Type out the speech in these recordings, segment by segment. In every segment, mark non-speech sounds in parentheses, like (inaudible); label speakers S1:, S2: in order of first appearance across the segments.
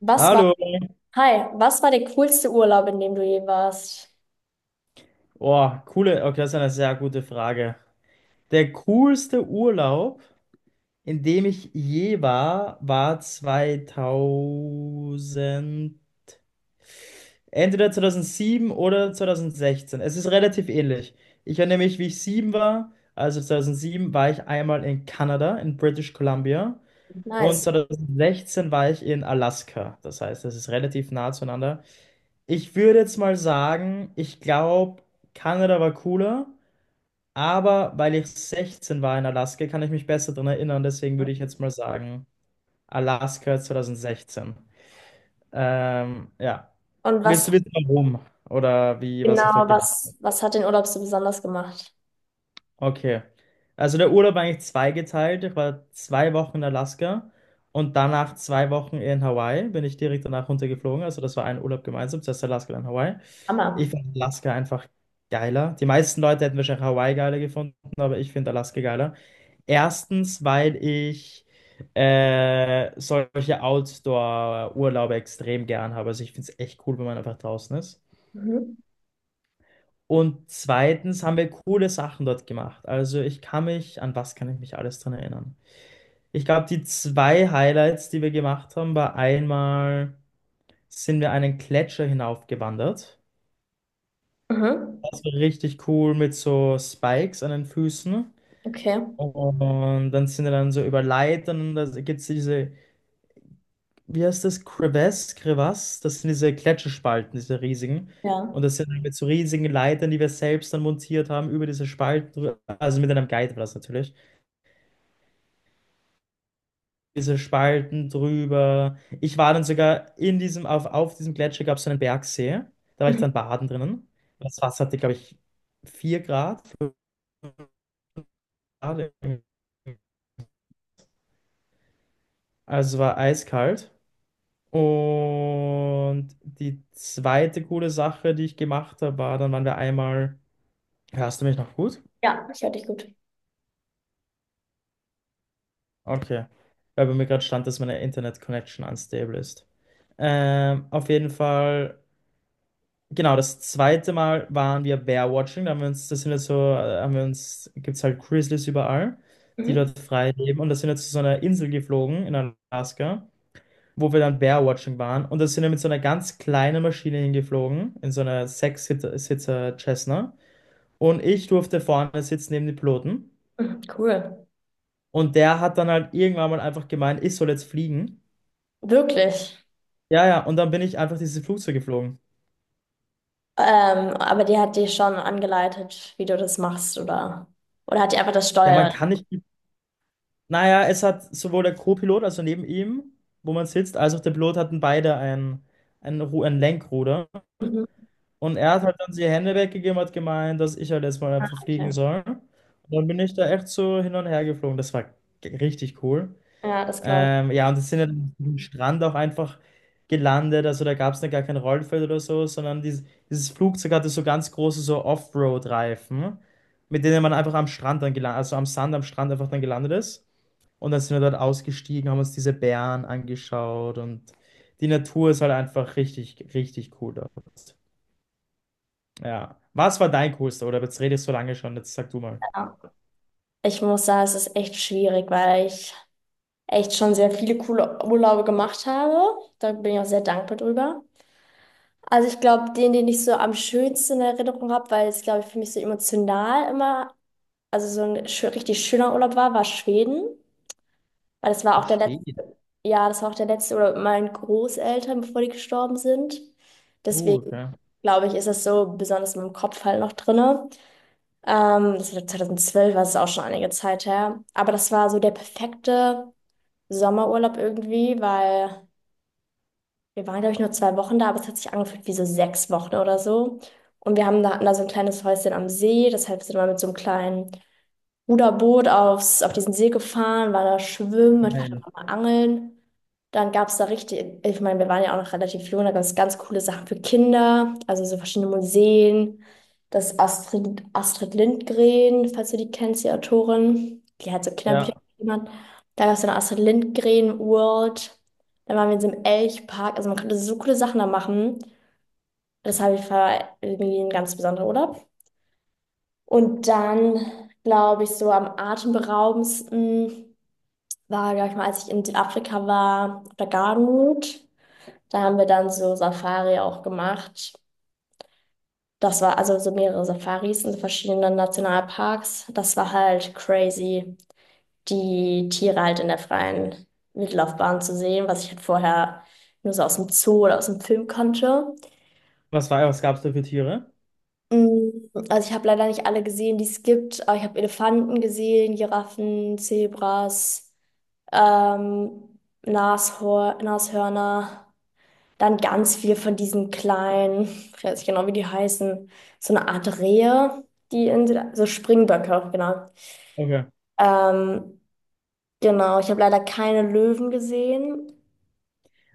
S1: Was war,
S2: Hallo.
S1: hi, was war der coolste Urlaub, in dem du je warst?
S2: Oh, coole. Okay, das ist eine sehr gute Frage. Der coolste Urlaub, in dem ich je war, war 2000, entweder 2007 oder 2016. Es ist relativ ähnlich. Ich erinnere mich, wie ich 7 war. Also 2007 war ich einmal in Kanada, in British Columbia. Und
S1: Nice.
S2: 2016 war ich in Alaska. Das heißt, es ist relativ nah zueinander. Ich würde jetzt mal sagen, ich glaube, Kanada war cooler. Aber weil ich 16 war in Alaska, kann ich mich besser daran erinnern. Deswegen würde ich jetzt mal sagen, Alaska 2016. Ja.
S1: Und
S2: Willst
S1: was
S2: du wissen, warum? Oder wie, was ich dort
S1: genau,
S2: gemacht
S1: was, was hat den Urlaub so besonders gemacht?
S2: habe? Okay. Also der Urlaub war eigentlich zweigeteilt. Ich war 2 Wochen in Alaska und danach 2 Wochen in Hawaii. Bin ich direkt danach runtergeflogen. Also das war ein Urlaub gemeinsam, zuerst Alaska, dann Hawaii. Ich
S1: Hammer.
S2: fand Alaska einfach geiler. Die meisten Leute hätten wahrscheinlich Hawaii geiler gefunden, aber ich finde Alaska geiler. Erstens, weil ich solche Outdoor-Urlaube extrem gern habe. Also ich finde es echt cool, wenn man einfach draußen ist.
S1: Mhm.
S2: Und zweitens haben wir coole Sachen dort gemacht. Also ich kann mich, an was kann ich mich alles dran erinnern? Ich glaube, die zwei Highlights, die wir gemacht haben, war einmal sind wir einen Gletscher hinaufgewandert.
S1: Mhm.
S2: Das war richtig cool mit so Spikes an den Füßen.
S1: Okay.
S2: Und dann sind wir dann so über Leitern und da gibt es diese, wie heißt das? Crevasse, Crevasse, das sind diese Gletscherspalten, diese riesigen.
S1: Ja.
S2: Und das sind mit so riesigen Leitern, die wir selbst dann montiert haben, über diese Spalten drüber, also mit einem Guide war das natürlich. Diese Spalten drüber. Ich war dann sogar in diesem, auf diesem Gletscher gab es so einen Bergsee. Da war ich
S1: Mhm.
S2: dann baden drinnen. Das Wasser hatte, glaube ich, 4 Grad, 5 Grad. Also war eiskalt. Und die zweite coole Sache, die ich gemacht habe, war, dann waren wir einmal. Hörst du mich noch gut?
S1: Ja, ich höre dich gut.
S2: Okay. Weil bei mir gerade stand, dass meine Internet-Connection unstable ist. Auf jeden Fall, genau, das zweite Mal waren wir Bear-Watching. Da haben wir uns, das sind jetzt so, haben wir uns, gibt es halt Grizzlies überall, die
S1: Mhm.
S2: dort frei leben. Und da sind wir zu so einer Insel geflogen in Alaska, wo wir dann Bear-Watching waren. Und da sind wir mit so einer ganz kleinen Maschine hingeflogen, in so einer Sechs-Sitzer Cessna. Und ich durfte vorne sitzen neben den Piloten.
S1: Mhm. Cool.
S2: Und der hat dann halt irgendwann mal einfach gemeint, ich soll jetzt fliegen.
S1: Wirklich.
S2: Ja, ja, und dann bin ich einfach dieses Flugzeug geflogen.
S1: Aber die hat dich schon angeleitet, wie du das machst, oder? Oder hat die einfach das
S2: Ja, man
S1: Steuer?
S2: kann nicht. Naja, es hat sowohl der Co-Pilot, also neben ihm, wo man sitzt, als auch der Pilot hatten beide ein Lenkruder.
S1: Mhm,
S2: Und er hat halt dann die Hände weggegeben und hat gemeint, dass ich halt jetzt mal einfach
S1: okay.
S2: fliegen soll. Und dann bin ich da echt so hin und her geflogen. Das war richtig cool.
S1: Ja, das glaube
S2: Ja, und das sind ja dann am Strand auch einfach gelandet. Also da gab es dann gar kein Rollfeld oder so, sondern dieses, dieses Flugzeug hatte so ganz große so Offroad-Reifen, mit denen man einfach am Strand dann gelandet, also am Sand am Strand einfach dann gelandet ist. Und dann sind wir dort ausgestiegen, haben uns diese Bären angeschaut und die Natur ist halt einfach richtig, richtig cool dort. Ja. Was war dein coolster? Oder jetzt redest du so lange schon, jetzt sag du mal.
S1: ich. Ja. Ich muss sagen, es ist echt schwierig, weil ich echt schon sehr viele coole Urlaube gemacht habe. Da bin ich auch sehr dankbar drüber. Also ich glaube, den ich so am schönsten in Erinnerung habe, weil es, glaube ich, für mich so emotional immer, also so ein richtig schöner Urlaub war, war Schweden. Weil das war auch der letzte.
S2: Schweden.
S1: Ja, das war auch der letzte oder mit meinen Großeltern, bevor die gestorben sind. Deswegen
S2: Okay.
S1: glaube ich, ist das so besonders in meinem Kopf halt noch drinne. Das war 2012, war es auch schon einige Zeit her. Aber das war so der perfekte Sommerurlaub irgendwie, weil wir waren, glaube ich, nur zwei Wochen da, aber es hat sich angefühlt wie so sechs Wochen oder so. Und wir haben da, hatten da so ein kleines Häuschen am See, deshalb sind wir mit so einem kleinen Ruderboot aufs, auf diesen See gefahren, war da schwimmen, ich war da
S2: Geil.
S1: auch mal angeln. Dann gab es da richtig, ich meine, wir waren ja auch noch relativ jung, da gab es ganz coole Sachen für Kinder, also so verschiedene Museen. Das Astrid, Astrid Lindgren, falls du die kennst, die Autorin, die hat so Kinderbücher
S2: Ja.
S1: gemacht. Da gab es eine Astrid Lindgren World. Dann waren wir in so einem Elchpark, also man konnte so coole Sachen da machen. Das habe ich, war irgendwie ein ganz besonderer Urlaub. Und dann, glaube ich, so am atemberaubendsten war, glaube ich mal, als ich in Südafrika war, auf der Gardenroute. Da haben wir dann so Safari auch gemacht. Das war also so mehrere Safaris in verschiedenen Nationalparks. Das war halt crazy, die Tiere halt in der freien Wildlaufbahn zu sehen, was ich halt vorher nur so aus dem Zoo oder aus dem Film kannte.
S2: Was war, was gab es da für Tiere?
S1: Mm, also ich habe leider nicht alle gesehen, die es gibt, aber ich habe Elefanten gesehen, Giraffen, Zebras. ähm, Nashor Nashörner, dann ganz viel von diesen kleinen, ich weiß nicht genau, wie die heißen, so eine Art Rehe, die in, Süda- so Springböcke, genau.
S2: Okay.
S1: Ähm, genau, ich habe leider keine Löwen gesehen.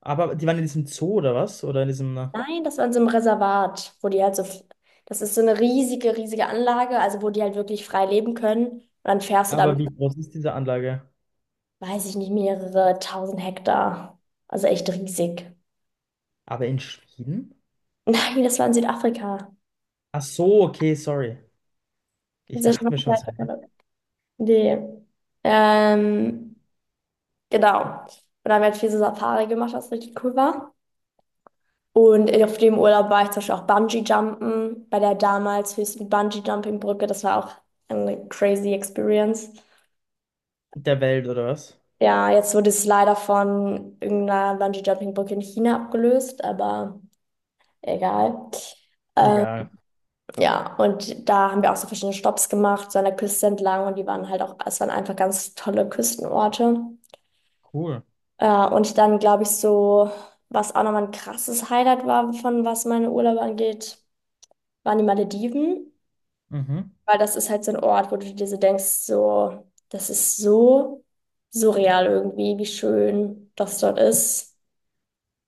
S2: Aber die waren in diesem Zoo oder was? Oder in diesem.
S1: Nein, das war in so einem Reservat, wo die halt so, das ist so eine riesige Anlage, also wo die halt wirklich frei leben können. Und dann fährst du
S2: Aber
S1: damit,
S2: wie groß ist diese Anlage?
S1: weiß ich nicht, mehrere tausend Hektar. Also echt riesig.
S2: Aber in Schweden?
S1: (laughs) Nein, das war in Südafrika.
S2: Ach so, okay, sorry.
S1: Das
S2: Ich
S1: ist ja
S2: dachte mir
S1: schon
S2: schon,
S1: mal
S2: es ist
S1: Zeit, nee. Ähm, genau. Und dann haben wir halt viel so Safari gemacht, was richtig cool war. Und auf dem Urlaub war ich zum Beispiel auch Bungee-Jumpen bei der damals höchsten Bungee-Jumping-Brücke. Das war auch eine crazy Experience.
S2: der Welt oder was?
S1: Ja, jetzt wurde es leider von irgendeiner Bungee-Jumping-Brücke in China abgelöst, aber egal. Ähm,
S2: Egal.
S1: ja, und da haben wir auch so verschiedene Stops gemacht, so an der Küste entlang und die waren halt auch, es waren einfach ganz tolle Küstenorte.
S2: Cool.
S1: Ja, und dann glaube ich so, was auch nochmal ein krasses Highlight war, von was meine Urlaube angeht, waren die Malediven,
S2: Mhm.
S1: weil das ist halt so ein Ort, wo du dir so denkst, so, das ist so surreal irgendwie, wie schön das dort ist,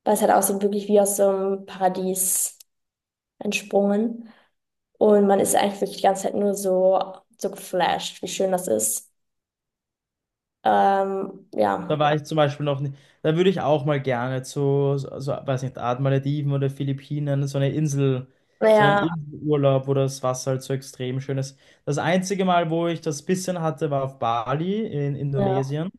S1: weil es halt aussieht wirklich wie aus so einem Paradies entsprungen und man ist eigentlich wirklich die ganze Zeit nur so, so geflasht, wie schön das ist. Ähm,
S2: Da
S1: ja,
S2: war ich zum Beispiel noch nicht. Da würde ich auch mal gerne zu, so, so, weiß nicht, Art Malediven oder Philippinen, so eine Insel, so einen
S1: naja,
S2: Inselurlaub, wo das Wasser halt so extrem schön ist. Das einzige Mal, wo ich das bisschen hatte, war auf Bali in
S1: ja,
S2: Indonesien.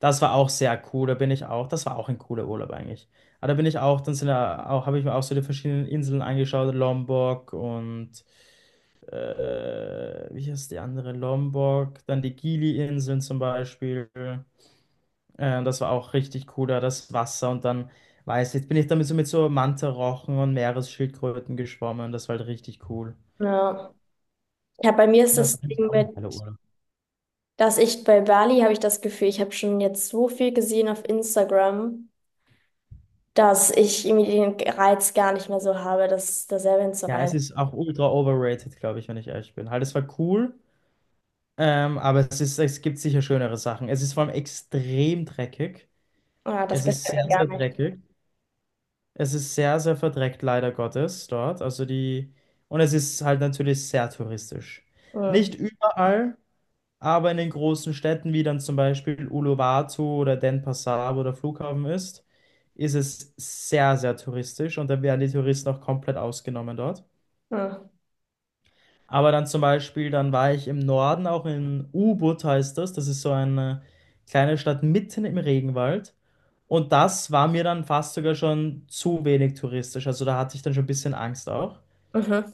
S2: Das war auch sehr cool, da bin ich auch, das war auch ein cooler Urlaub eigentlich. Aber da bin ich auch, dann sind da auch, habe ich mir auch so die verschiedenen Inseln angeschaut, Lombok und wie heißt die andere? Lombok, dann die Gili-Inseln zum Beispiel. Das war auch richtig cool, da das Wasser und dann, weiß ich, jetzt bin ich damit so mit so Mantarochen und Meeresschildkröten geschwommen, das war halt richtig cool.
S1: ja. Ja, bei mir ist
S2: Das ist
S1: das
S2: eigentlich
S1: Ding
S2: auch
S1: mit,
S2: ein geiler Urlaub.
S1: dass ich bei Bali habe ich das Gefühl, ich habe schon jetzt so viel gesehen auf Instagram, dass ich irgendwie den Reiz gar nicht mehr so habe, das da selber
S2: Ja, es
S1: hinzureisen.
S2: ist auch ultra overrated, glaube ich, wenn ich ehrlich bin. Halt, es war cool. Aber es ist, es gibt sicher schönere Sachen. Es ist vor allem extrem dreckig.
S1: Ja, das
S2: Es
S1: gefällt
S2: ist sehr,
S1: mir
S2: sehr
S1: gar nicht.
S2: dreckig. Es ist sehr, sehr verdreckt, leider Gottes, dort. Also die, und es ist halt natürlich sehr touristisch.
S1: Mhm.
S2: Nicht überall, aber in den großen Städten, wie dann zum Beispiel Uluwatu oder Denpasar, wo der Flughafen ist, ist es sehr, sehr touristisch und da werden die Touristen auch komplett ausgenommen dort.
S1: Mhm.
S2: Aber dann zum Beispiel, dann war ich im Norden, auch in Ubud heißt das. Das ist so eine kleine Stadt mitten im Regenwald. Und das war mir dann fast sogar schon zu wenig touristisch. Also da hatte ich dann schon ein bisschen Angst auch.
S1: Mhm.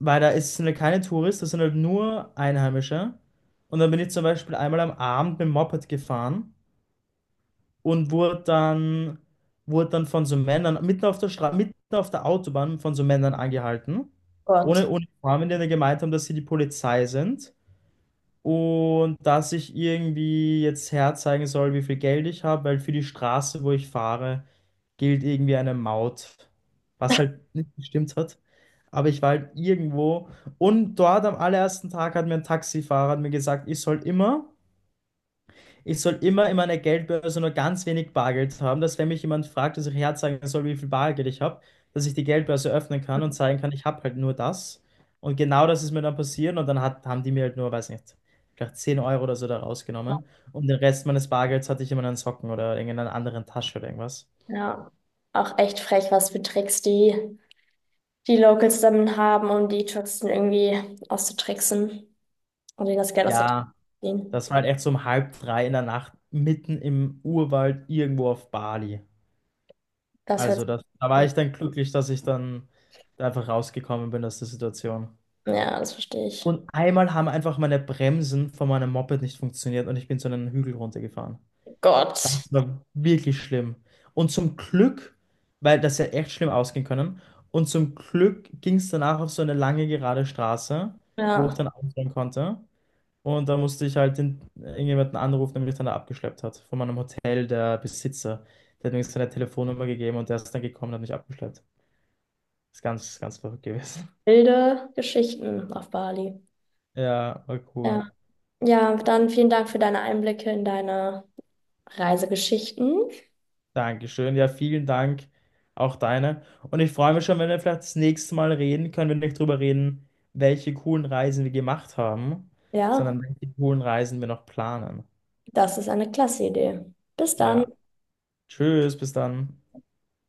S2: Weil da ist, sind halt keine Touristen, das sind halt nur Einheimische. Und dann bin ich zum Beispiel einmal am Abend mit dem Moped gefahren und wurde dann von so Männern mitten auf der Straße, mitten auf der Autobahn von so Männern angehalten. Ohne
S1: Gott,
S2: Uniform, die dann gemeint haben, dass sie die Polizei sind. Und dass ich irgendwie jetzt herzeigen soll, wie viel Geld ich habe, weil für die Straße, wo ich fahre, gilt irgendwie eine Maut, was halt nicht gestimmt hat. Aber ich war halt irgendwo und dort am allerersten Tag hat mir ein Taxifahrer hat mir gesagt, ich soll immer in meiner Geldbörse nur ganz wenig Bargeld haben, dass wenn mich jemand fragt, dass ich herzeigen soll, wie viel Bargeld ich habe, dass ich die Geldbörse öffnen kann und zeigen kann, ich habe halt nur das. Und genau das ist mir dann passiert und dann haben die mir halt nur, weiß nicht, vielleicht 10 Euro oder so da rausgenommen. Und den Rest meines Bargelds hatte ich immer in meinen Socken oder in einer anderen Tasche oder irgendwas.
S1: ja. Auch echt frech, was für Tricks die, die Locals dann haben, um die Touristen irgendwie auszutricksen und ihnen das Geld
S2: Ja,
S1: auszuziehen.
S2: das war halt echt so um halb drei in der Nacht, mitten im Urwald, irgendwo auf Bali.
S1: Das hört
S2: Also
S1: sich
S2: das, da war
S1: an.
S2: ich dann glücklich, dass ich dann da einfach rausgekommen bin aus der Situation.
S1: Ja, das verstehe ich.
S2: Und einmal haben einfach meine Bremsen von meinem Moped nicht funktioniert und ich bin so einen Hügel runtergefahren.
S1: Gott.
S2: Das war wirklich schlimm. Und zum Glück, weil das ja echt schlimm ausgehen können, und zum Glück ging es danach auf so eine lange gerade Straße, wo ich
S1: Ja.
S2: dann ausfahren konnte. Und da musste ich halt den, irgendjemanden anrufen, der mich dann da abgeschleppt hat. Von meinem Hotel, der Besitzer. Der hat mir seine Telefonnummer gegeben und der ist dann gekommen und hat mich abgeschleppt. Ist ganz, ganz verrückt gewesen.
S1: Wilde Geschichten auf Bali.
S2: Ja, war cool.
S1: Ja. Ja, dann vielen Dank für deine Einblicke in deine Reisegeschichten.
S2: Dankeschön. Ja, vielen Dank. Auch deine. Und ich freue mich schon, wenn wir vielleicht das nächste Mal reden können, wenn wir nicht drüber reden, welche coolen Reisen wir gemacht haben,
S1: Ja,
S2: sondern welche coolen Reisen wir noch planen.
S1: das ist eine klasse Idee. Bis dann.
S2: Ja. Tschüss, bis dann.